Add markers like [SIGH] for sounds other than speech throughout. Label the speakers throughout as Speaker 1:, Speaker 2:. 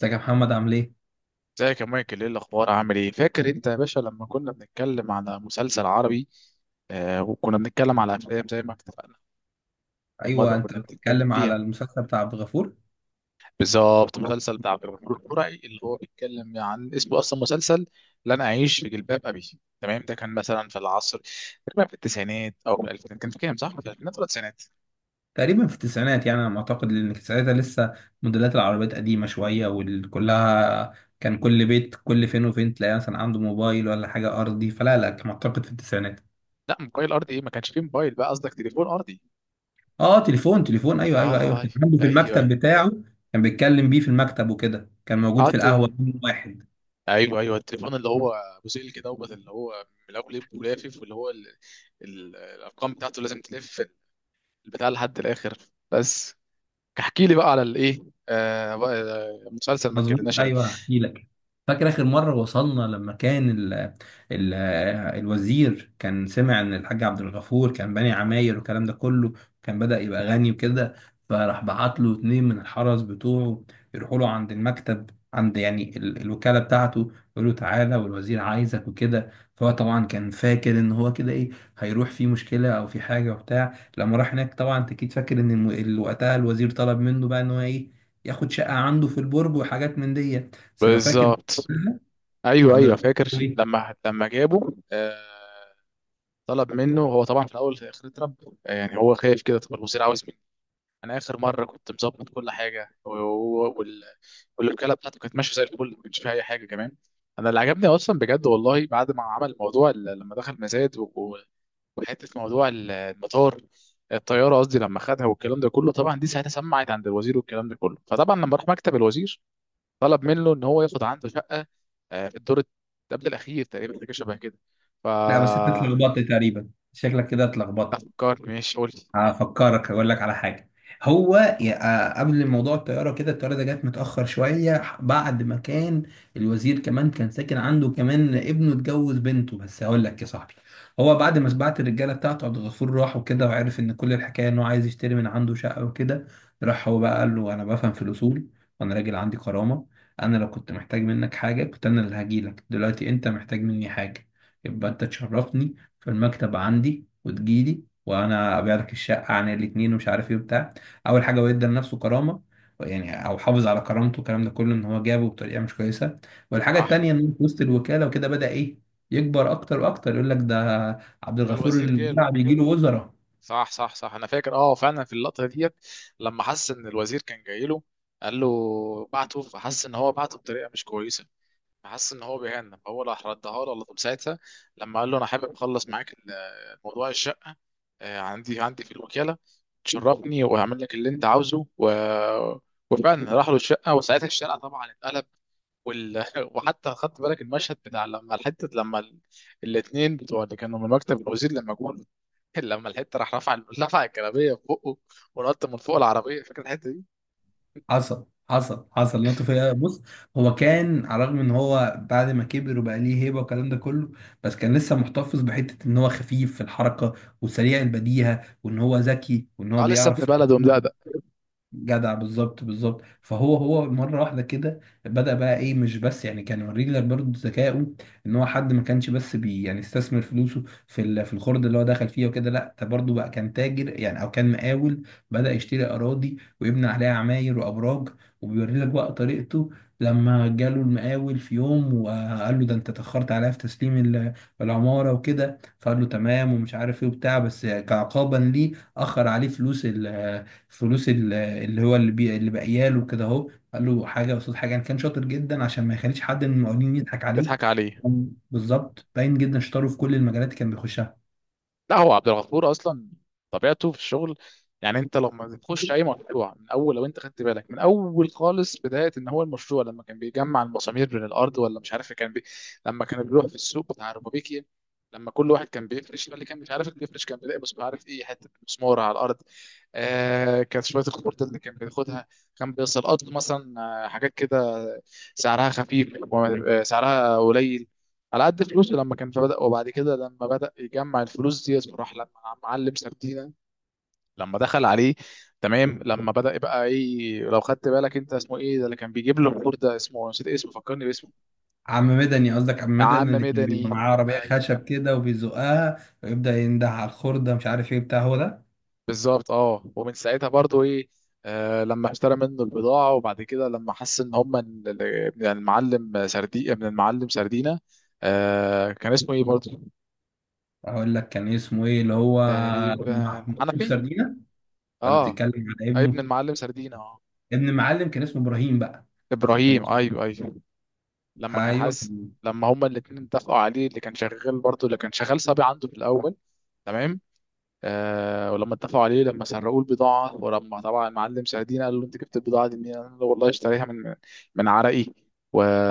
Speaker 1: ازيك يا محمد عامل ايه؟
Speaker 2: ازيك يا مايكل، ايه الاخبار؟ عامل ايه؟ فاكر انت يا باشا لما كنا بنتكلم على مسلسل عربي؟ وكنا بنتكلم على افلام زي ما اتفقنا في المره
Speaker 1: ايوه،
Speaker 2: كنا
Speaker 1: انت
Speaker 2: بنتكلم
Speaker 1: بتتكلم
Speaker 2: فيها.
Speaker 1: على المسلسل بتاع عبد الغفور.
Speaker 2: بالظبط، المسلسل بتاع عبد الغفور البرعي اللي هو بيتكلم عن اسمه اصلا مسلسل لا انا اعيش في جلباب ابي. تمام، ده كان مثلا في العصر تقريبا في التسعينات او في الالفينات. كان في كام؟ صح، في الالفينات ولا التسعينات؟
Speaker 1: تقريبا في التسعينات يعني انا معتقد لان ساعتها لسه موديلات العربيات قديمه شويه وكلها. كان كل بيت كل فين وفين تلاقي مثلا عنده موبايل ولا حاجه ارضي، فلا لا كان معتقد في التسعينات.
Speaker 2: لا، موبايل ارضي ايه؟ ما كانش فيه موبايل بقى، قصدك تليفون ارضي.
Speaker 1: اه، تليفون تليفون ايوه ايوه ايوه،
Speaker 2: اه،
Speaker 1: كان
Speaker 2: ايوه
Speaker 1: عنده في
Speaker 2: ايوه
Speaker 1: المكتب
Speaker 2: ايوه.
Speaker 1: بتاعه. كان بيتكلم بيه في المكتب وكده، كان موجود في
Speaker 2: قعدت.
Speaker 1: القهوه يوم واحد.
Speaker 2: ايوه ايوه، التليفون اللي هو ابو سلك كده دوت، اللي هو ملفلف ولافف، واللي هو الارقام بتاعته لازم تلف البتاع لحد الاخر. بس. احكي لي بقى على الايه. آه بقى آه، مسلسل ما
Speaker 1: مظبوط،
Speaker 2: اتكلمناش عليه.
Speaker 1: ايوه هحكي لك. فاكر آخر مرة وصلنا لما كان ال ال الوزير كان سمع إن الحاج عبد الغفور كان باني عماير والكلام ده كله. كان بدأ يبقى غني وكده. فراح بعت له اتنين من الحرس بتوعه يروحوا له عند المكتب، عند يعني الوكالة بتاعته، يقول له تعالى والوزير عايزك وكده. فهو طبعا كان فاكر إن هو كده إيه، هيروح في مشكلة أو في حاجة وبتاع. لما راح هناك طبعا أنت أكيد فاكر إن وقتها الوزير طلب منه بقى إن هو إيه، ياخد شقة عنده في البرج وحاجات من دي، بس لو فاكر.
Speaker 2: بالظبط، ايوه
Speaker 1: عبد
Speaker 2: ايوه
Speaker 1: الغفور
Speaker 2: فاكر.
Speaker 1: الحموي.
Speaker 2: لما جابه، طلب منه. هو طبعا في الاول في الاخر اترب، يعني هو خايف كده. طب الوزير عاوز مني؟ انا اخر مره كنت مظبط كل حاجه، والوكاله بتاعته كانت ماشيه زي الفل، ما كانش فيها اي حاجه كمان. انا اللي عجبني اصلا بجد والله بعد ما عمل لما دخل مزاد وحته المطار، الطياره قصدي، لما خدها والكلام ده كله. طبعا دي ساعتها سمعت عند الوزير والكلام ده كله. فطبعا لما راح مكتب الوزير طلب منه ان هو ياخد عنده شقه، في الدور قبل الاخير تقريبا، حاجه شبه كده. ف
Speaker 1: لا بس انت اتلخبطت تقريبا، شكلك كده اتلخبطت.
Speaker 2: فكرت ماشي قلت.
Speaker 1: هفكرك اقول لك على حاجه. هو قبل موضوع الطياره كده، الطياره ده جت متاخر شويه بعد ما كان الوزير كمان كان ساكن عنده، كمان ابنه اتجوز بنته. بس هقول لك يا صاحبي، هو بعد ما بعت الرجاله بتاعته عبد الغفور راح وكده، وعرف ان كل الحكايه انه عايز يشتري من عنده شقه وكده. راح هو بقى قال له انا بفهم في الاصول، وانا راجل عندي كرامه. انا لو كنت محتاج منك حاجه كنت انا اللي هجيلك. دلوقتي انت محتاج مني حاجه، يبقى انت تشرفني في المكتب عندي وتجيلي، وانا ابيع لك الشقه عن الاتنين ومش عارف ايه وبتاع. اول حاجه هو ادى لنفسه كرامه، يعني او حافظ على كرامته والكلام ده كله، ان هو جابه بطريقه مش كويسه. والحاجه
Speaker 2: صح.
Speaker 1: التانيه ان هو في وسط الوكاله وكده بدا ايه، يكبر اكتر واكتر. يقول لك ده عبد الغفور
Speaker 2: الوزير جاله.
Speaker 1: البرع بيجي له وزراء.
Speaker 2: صح صح صح، انا فاكر اه فعلا في اللقطه ديت لما حس ان الوزير كان جاي له. قال له بعته، فحس ان هو بعته بطريقه مش كويسه، فحس ان هو بيهنى، فهو راح ردها له على طول ساعتها. لما قال له انا حابب اخلص معاك موضوع الشقه، عندي عندي في الوكاله تشرفني، وهعمل لك اللي انت عاوزه وفعلا راح له الشقه، وساعتها الشارع طبعا اتقلب. وال... [LAUGHS] وحتى خدت بالك المشهد بتاع لما الحته، لما الاتنين بتوع اللي كانوا من مكتب الوزير لما جم، [LAUGHS] لما الحته راح رفع الجلابيه في بقه، ونط من فوق العربيه. فاكر الحته دي؟
Speaker 1: حصل حصل حصل، نط فيها بص. هو كان على الرغم ان هو بعد ما كبر وبقى ليه هيبه والكلام ده كله، بس كان لسه محتفظ بحته ان هو خفيف في الحركه، وسريع البديهه، وان هو ذكي وان هو
Speaker 2: اه، لسه ابن
Speaker 1: بيعرف.
Speaker 2: بلد ومدقدق.
Speaker 1: جدع بالظبط بالظبط. فهو مره واحده كده بدأ بقى ايه، مش بس يعني كان يوريك لك برضه ذكائه، ان هو حد ما كانش بس يعني استثمر فلوسه في في الخرد اللي هو دخل فيها وكده، لا ده برضه بقى كان تاجر يعني او كان مقاول. بدأ يشتري اراضي ويبني عليها عماير وابراج، وبيوري لك بقى طريقته. لما جاله المقاول في يوم وقال له ده انت اتأخرت عليا في تسليم العمارة وكده، فقال له تمام ومش عارف ايه وبتاع، بس كعقابا ليه أخر عليه فلوس. اللي هو اللي بي اللي باقيه له كده اهو، قال له حاجه قصاد حاجه، يعني كان شاطر جدا عشان ما يخليش حد من المقاولين يضحك عليه.
Speaker 2: يضحك عليه.
Speaker 1: بالظبط، باين جدا شطاره في كل المجالات اللي كان بيخشها.
Speaker 2: لا، هو عبد الغفور اصلا طبيعته في الشغل. يعني انت لما تخش اي مشروع من اول، لو انت خدت بالك من اول خالص بدايه ان هو المشروع لما كان بيجمع المسامير من الارض، ولا مش عارف لما كان بيروح في السوق بتاع ربابيكي، لما كل واحد كان بيفرش، اللي كان مش عارف اللي بيفرش كان بيلاقي مش عارف ايه حته مسمار على الارض. كانت شويه الخطوط اللي كان بياخدها، كان بيسقط مثلا، حاجات كده سعرها خفيف، سعرها قليل على قد فلوسه لما كان. فبدأ، وبعد كده لما بدأ يجمع الفلوس دي راح لما معلم سردينة لما دخل عليه. تمام، لما بدأ يبقى ايه، لو خدت بالك، انت اسمه ايه ده اللي كان بيجيب له الخور ده؟ اسمه نسيت اسمه، فكرني باسمه.
Speaker 1: عم مدني؟ قصدك عم
Speaker 2: عم
Speaker 1: مدني اللي كان
Speaker 2: مدني،
Speaker 1: بيبقى معاه عربيه
Speaker 2: ايوه.
Speaker 1: خشب كده وبيزقها ويبدا ينده على الخرده، مش عارف ايه بتاع هو ده.
Speaker 2: بالظبط، اه، ومن ساعتها برضو ايه، لما اشترى منه البضاعة. وبعد كده لما حس ان هم من المعلم سردي، من المعلم سردينة. كان اسمه ايه برضو؟
Speaker 1: اقول لك كان اسمه ايه اللي هو،
Speaker 2: تقريبا
Speaker 1: محمود
Speaker 2: حنفي.
Speaker 1: سردينه. ولا
Speaker 2: اه.
Speaker 1: بتتكلم على
Speaker 2: ابن
Speaker 1: ابنه،
Speaker 2: المعلم سردينة، اه،
Speaker 1: ابن معلم كان اسمه ابراهيم بقى، كان
Speaker 2: ابراهيم،
Speaker 1: اسمه.
Speaker 2: ايوه ايوه. لما كان
Speaker 1: ايوه،
Speaker 2: حاسس، لما هما الاثنين اتفقوا عليه، اللي كان شغال برضه اللي كان شغال صبي عنده في الاول. تمام. ولما اتفقوا عليه، لما سرقوا البضاعه، ولما طبعا المعلم سعدين قال له انت جبت البضاعه دي منين، قال له والله اشتريها من من عرقي.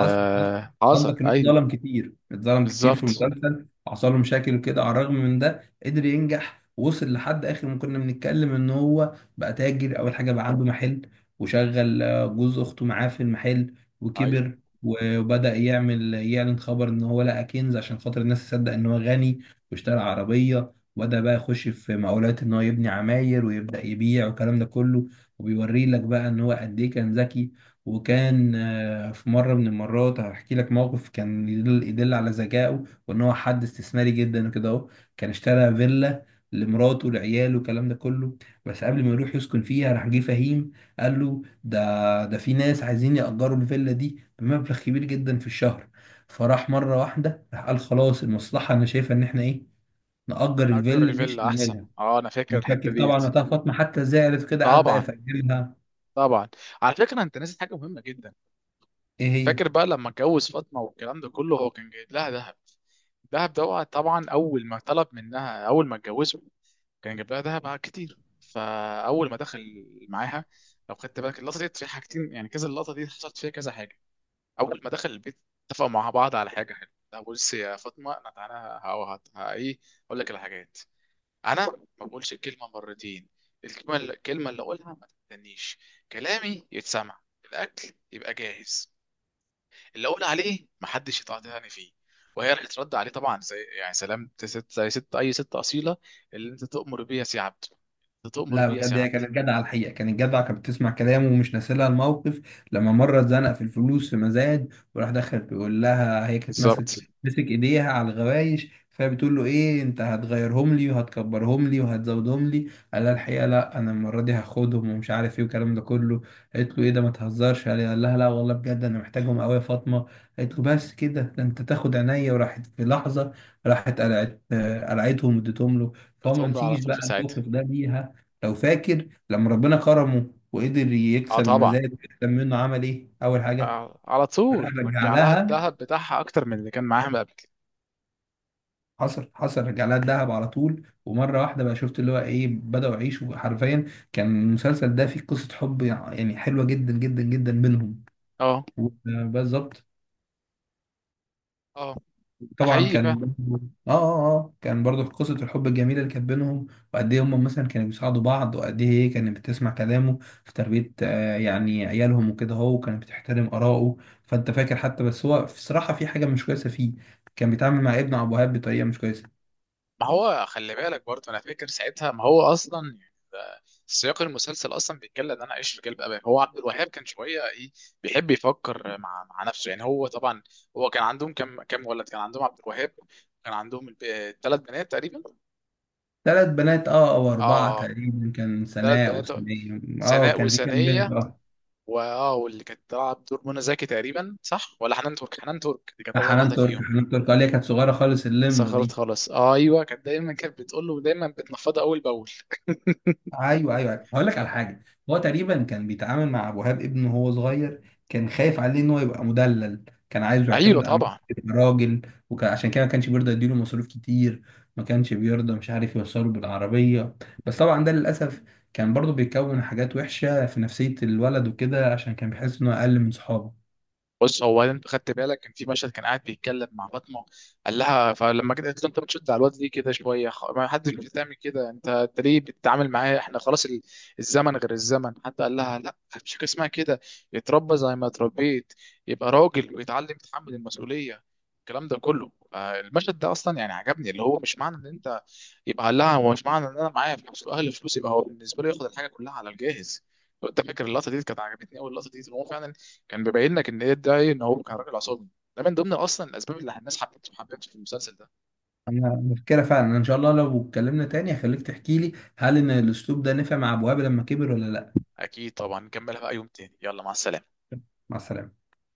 Speaker 1: حصل حصل. قصدك انه
Speaker 2: ايوه.
Speaker 1: اتظلم كتير، اتظلم كتير في
Speaker 2: بالظبط،
Speaker 1: المسلسل، حصل له مشاكل وكده. على الرغم من ده قدر ينجح، وصل لحد اخر ما كنا بنتكلم ان هو بقى تاجر. اول حاجه بقى عنده محل وشغل جوز اخته معاه في المحل.
Speaker 2: ايوه.
Speaker 1: وكبر وبدأ يعمل يعلن خبر ان هو لقى كنز عشان خاطر الناس تصدق ان هو غني. واشترى عربيه وبدأ بقى يخش في مقاولات ان هو يبني عماير ويبدأ يبيع والكلام ده كله. وبيوري لك بقى ان هو قد ايه كان ذكي. وكان في مرة من المرات هحكي لك موقف كان يدل على ذكائه وان هو حد استثماري جدا وكده اهو. كان اشترى فيلا لمراته ولعياله والكلام ده كله، بس قبل ما يروح يسكن فيها راح جه فهيم قال له ده في ناس عايزين يأجروا الفيلا دي بمبلغ كبير جدا في الشهر. فراح مرة واحدة راح قال خلاص، المصلحة انا شايفة ان احنا ايه، نأجر
Speaker 2: نأجر
Speaker 1: الفيلا مش
Speaker 2: الفيلا احسن،
Speaker 1: نعملها.
Speaker 2: اه انا فاكر
Speaker 1: أنا
Speaker 2: الحته
Speaker 1: فاكر طبعا
Speaker 2: ديت.
Speaker 1: وقتها فاطمة حتى زعلت كده، قعد بقى
Speaker 2: طبعا،
Speaker 1: يفكرها.
Speaker 2: طبعا. على فكره، انت ناسي حاجه مهمه جدا.
Speaker 1: ايه هي؟
Speaker 2: فاكر بقى لما اتجوز فاطمه والكلام ده كله؟ هو كان جايب لها ذهب. الذهب ده طبعا اول ما طلب منها، اول ما اتجوزه كان جايب لها ذهب كتير. فاول ما دخل معاها، لو خدت بالك اللقطه دي فيها حاجتين، يعني كذا. اللقطه دي حصلت فيها كذا حاجه. اول ما دخل البيت اتفقوا مع بعض على حاجه حلوه. لا بص يا فاطمه، انا تعالى، ايه، اقول لك الحاجات. انا ما بقولش الكلمه مرتين. الكلمه اللي اقولها ما تستنيش، كلامي يتسمع، الاكل يبقى جاهز، اللي اقول عليه محدش يطلع تاني فيه. وهي رح ترد عليه طبعا زي يعني سلام، ست، زي ست، اي ست اصيله: اللي انت تؤمر بي يا سي عبد، انت تؤمر
Speaker 1: لا
Speaker 2: بي يا سي
Speaker 1: بجد هي
Speaker 2: عبد.
Speaker 1: كانت جدعة الحقيقة، كانت جدعة، كانت بتسمع كلامه ومش ناسيلها الموقف. لما مرة اتزنق في الفلوس في مزاد وراح دخل بيقول لها، هي كانت ماسك
Speaker 2: بالظبط،
Speaker 1: مسك ايديها على الغوايش، فهي بتقول له ايه، انت هتغيرهم لي وهتكبرهم لي وهتزودهم لي؟ قال لها الحقيقة لا، انا المرة دي هاخدهم ومش عارف ايه والكلام ده كله. قالت له ايه ده، ما تهزرش. قال لها لا والله بجد انا محتاجهم قوي يا فاطمة. قالت له بس كده؟ ده انت تاخد عينيا، وراحت في لحظة. راحت قلعتهم واديتهم له. فهو ما
Speaker 2: بتقوم له على
Speaker 1: نسيش
Speaker 2: طول
Speaker 1: بقى
Speaker 2: في ساعتها.
Speaker 1: الموقف ده ليها. لو فاكر لما ربنا كرمه وقدر
Speaker 2: اه
Speaker 1: يكسب
Speaker 2: طبعا.
Speaker 1: الميزان ويحسن منه، عمل ايه اول حاجه؟
Speaker 2: على
Speaker 1: راح
Speaker 2: طول
Speaker 1: رجع
Speaker 2: رجع لها
Speaker 1: لها،
Speaker 2: الذهب بتاعها اكتر من اللي كان معاها من قبل كده.
Speaker 1: حصل حصل، رجع لها الذهب على طول. ومره واحده بقى شفت اللي هو ايه، بداوا يعيشوا حرفيا. كان المسلسل ده فيه قصه حب يعني حلوه جدا جدا جدا بينهم.
Speaker 2: اه
Speaker 1: بالظبط.
Speaker 2: اه. ده
Speaker 1: طبعا.
Speaker 2: حقيقي
Speaker 1: كان
Speaker 2: فعلا.
Speaker 1: برضو- اه اه اه كان برضو قصة الحب الجميلة اللي كانت بينهم، وقد ايه هم مثلا كانوا بيساعدوا بعض، وقد ايه هي كانت بتسمع كلامه في تربية يعني عيالهم وكده هو، وكانت بتحترم آراءه. فانت فاكر حتى، بس هو بصراحة في حاجة مش كويسة فيه. كان بيتعامل مع ابن أبو وهاب بطريقة مش كويسة.
Speaker 2: ما هو خلي بالك برضه، انا فاكر ساعتها ما هو اصلا يعني سياق المسلسل اصلا بيتكلم ان انا اعيش في جلب ابي. هو عبد الوهاب كان شويه ايه، بيحب يفكر مع نفسه. يعني هو طبعا، هو كان عندهم كم ولد كان عندهم عبد الوهاب؟ كان عندهم ثلاث بنات تقريبا.
Speaker 1: ثلاث بنات، او اربعة
Speaker 2: اه،
Speaker 1: تقريبا. كان
Speaker 2: ثلاث
Speaker 1: سناء
Speaker 2: بنات،
Speaker 1: وسناء. اه
Speaker 2: سناء
Speaker 1: كان في كام بنت
Speaker 2: وسنية.
Speaker 1: اه.
Speaker 2: واه، واللي كانت بتلعب دور منى زكي تقريبا، صح ولا حنان ترك؟ حنان ترك دي كانت اصغر
Speaker 1: حنان
Speaker 2: واحده
Speaker 1: ترك
Speaker 2: فيهم.
Speaker 1: حنان ترك، اللي هي كانت صغيرة خالص اللمدة
Speaker 2: صغرت
Speaker 1: دي.
Speaker 2: خالص آه ايوه، كانت دايما كانت بتقول له، دايما بتنفضه اول باول. [LAUGHS]
Speaker 1: ايوه ايوه أيوة. هقول لك على حاجه. هو تقريبا كان بيتعامل مع ابو وهاب ابنه وهو صغير، كان خايف عليه ان هو يبقى مدلل، كان عايزه
Speaker 2: ايوه
Speaker 1: يعتمد على نفسه
Speaker 2: طبعا.
Speaker 1: يبقى راجل. وعشان كده ما كانش بيرضى يديله مصروف كتير، ما كانش بيرضى مش عارف يوصله بالعربيه. بس طبعا ده للاسف كان برضه بيكون حاجات وحشه في نفسيه الولد وكده، عشان كان بيحس انه اقل من صحابه.
Speaker 2: بص، هو انت خدت بالك كان في مشهد كان قاعد بيتكلم مع فاطمه. قال لها، فلما جت قالت له انت بتشد على الواد ليه كده شويه، ما حدش بتعمل كده، انت ليه بتتعامل معاه؟ احنا خلاص الزمن غير الزمن. حتى قال لها لا، مفيش حاجه اسمها كده، يتربى زي ما اتربيت، يبقى راجل ويتعلم يتحمل المسؤوليه، الكلام ده كله. المشهد ده اصلا يعني عجبني، اللي هو مش معنى ان انت. يبقى قال لها هو مش معنى ان انا معايا فلوس واهلي فلوس يبقى هو بالنسبه له ياخد الحاجه كلها على الجاهز. لو انت فاكر اللقطه دي كانت عجبتني قوي. اللقطه دي هو فعلا كان بيبين لك ان ايه ده، ان هو كان راجل عصبي. ده من ضمن اصلا الاسباب اللي الناس حبته في المسلسل ده.
Speaker 1: انا مفكره فعلا. أنا ان شاء الله لو اتكلمنا تاني هخليك تحكي لي، هل ان الاسلوب ده نفع مع ابو وهاب لما كبر ولا لا.
Speaker 2: اكيد طبعا نكملها بقى يوم تاني. يلا مع السلامه.
Speaker 1: مع السلامه.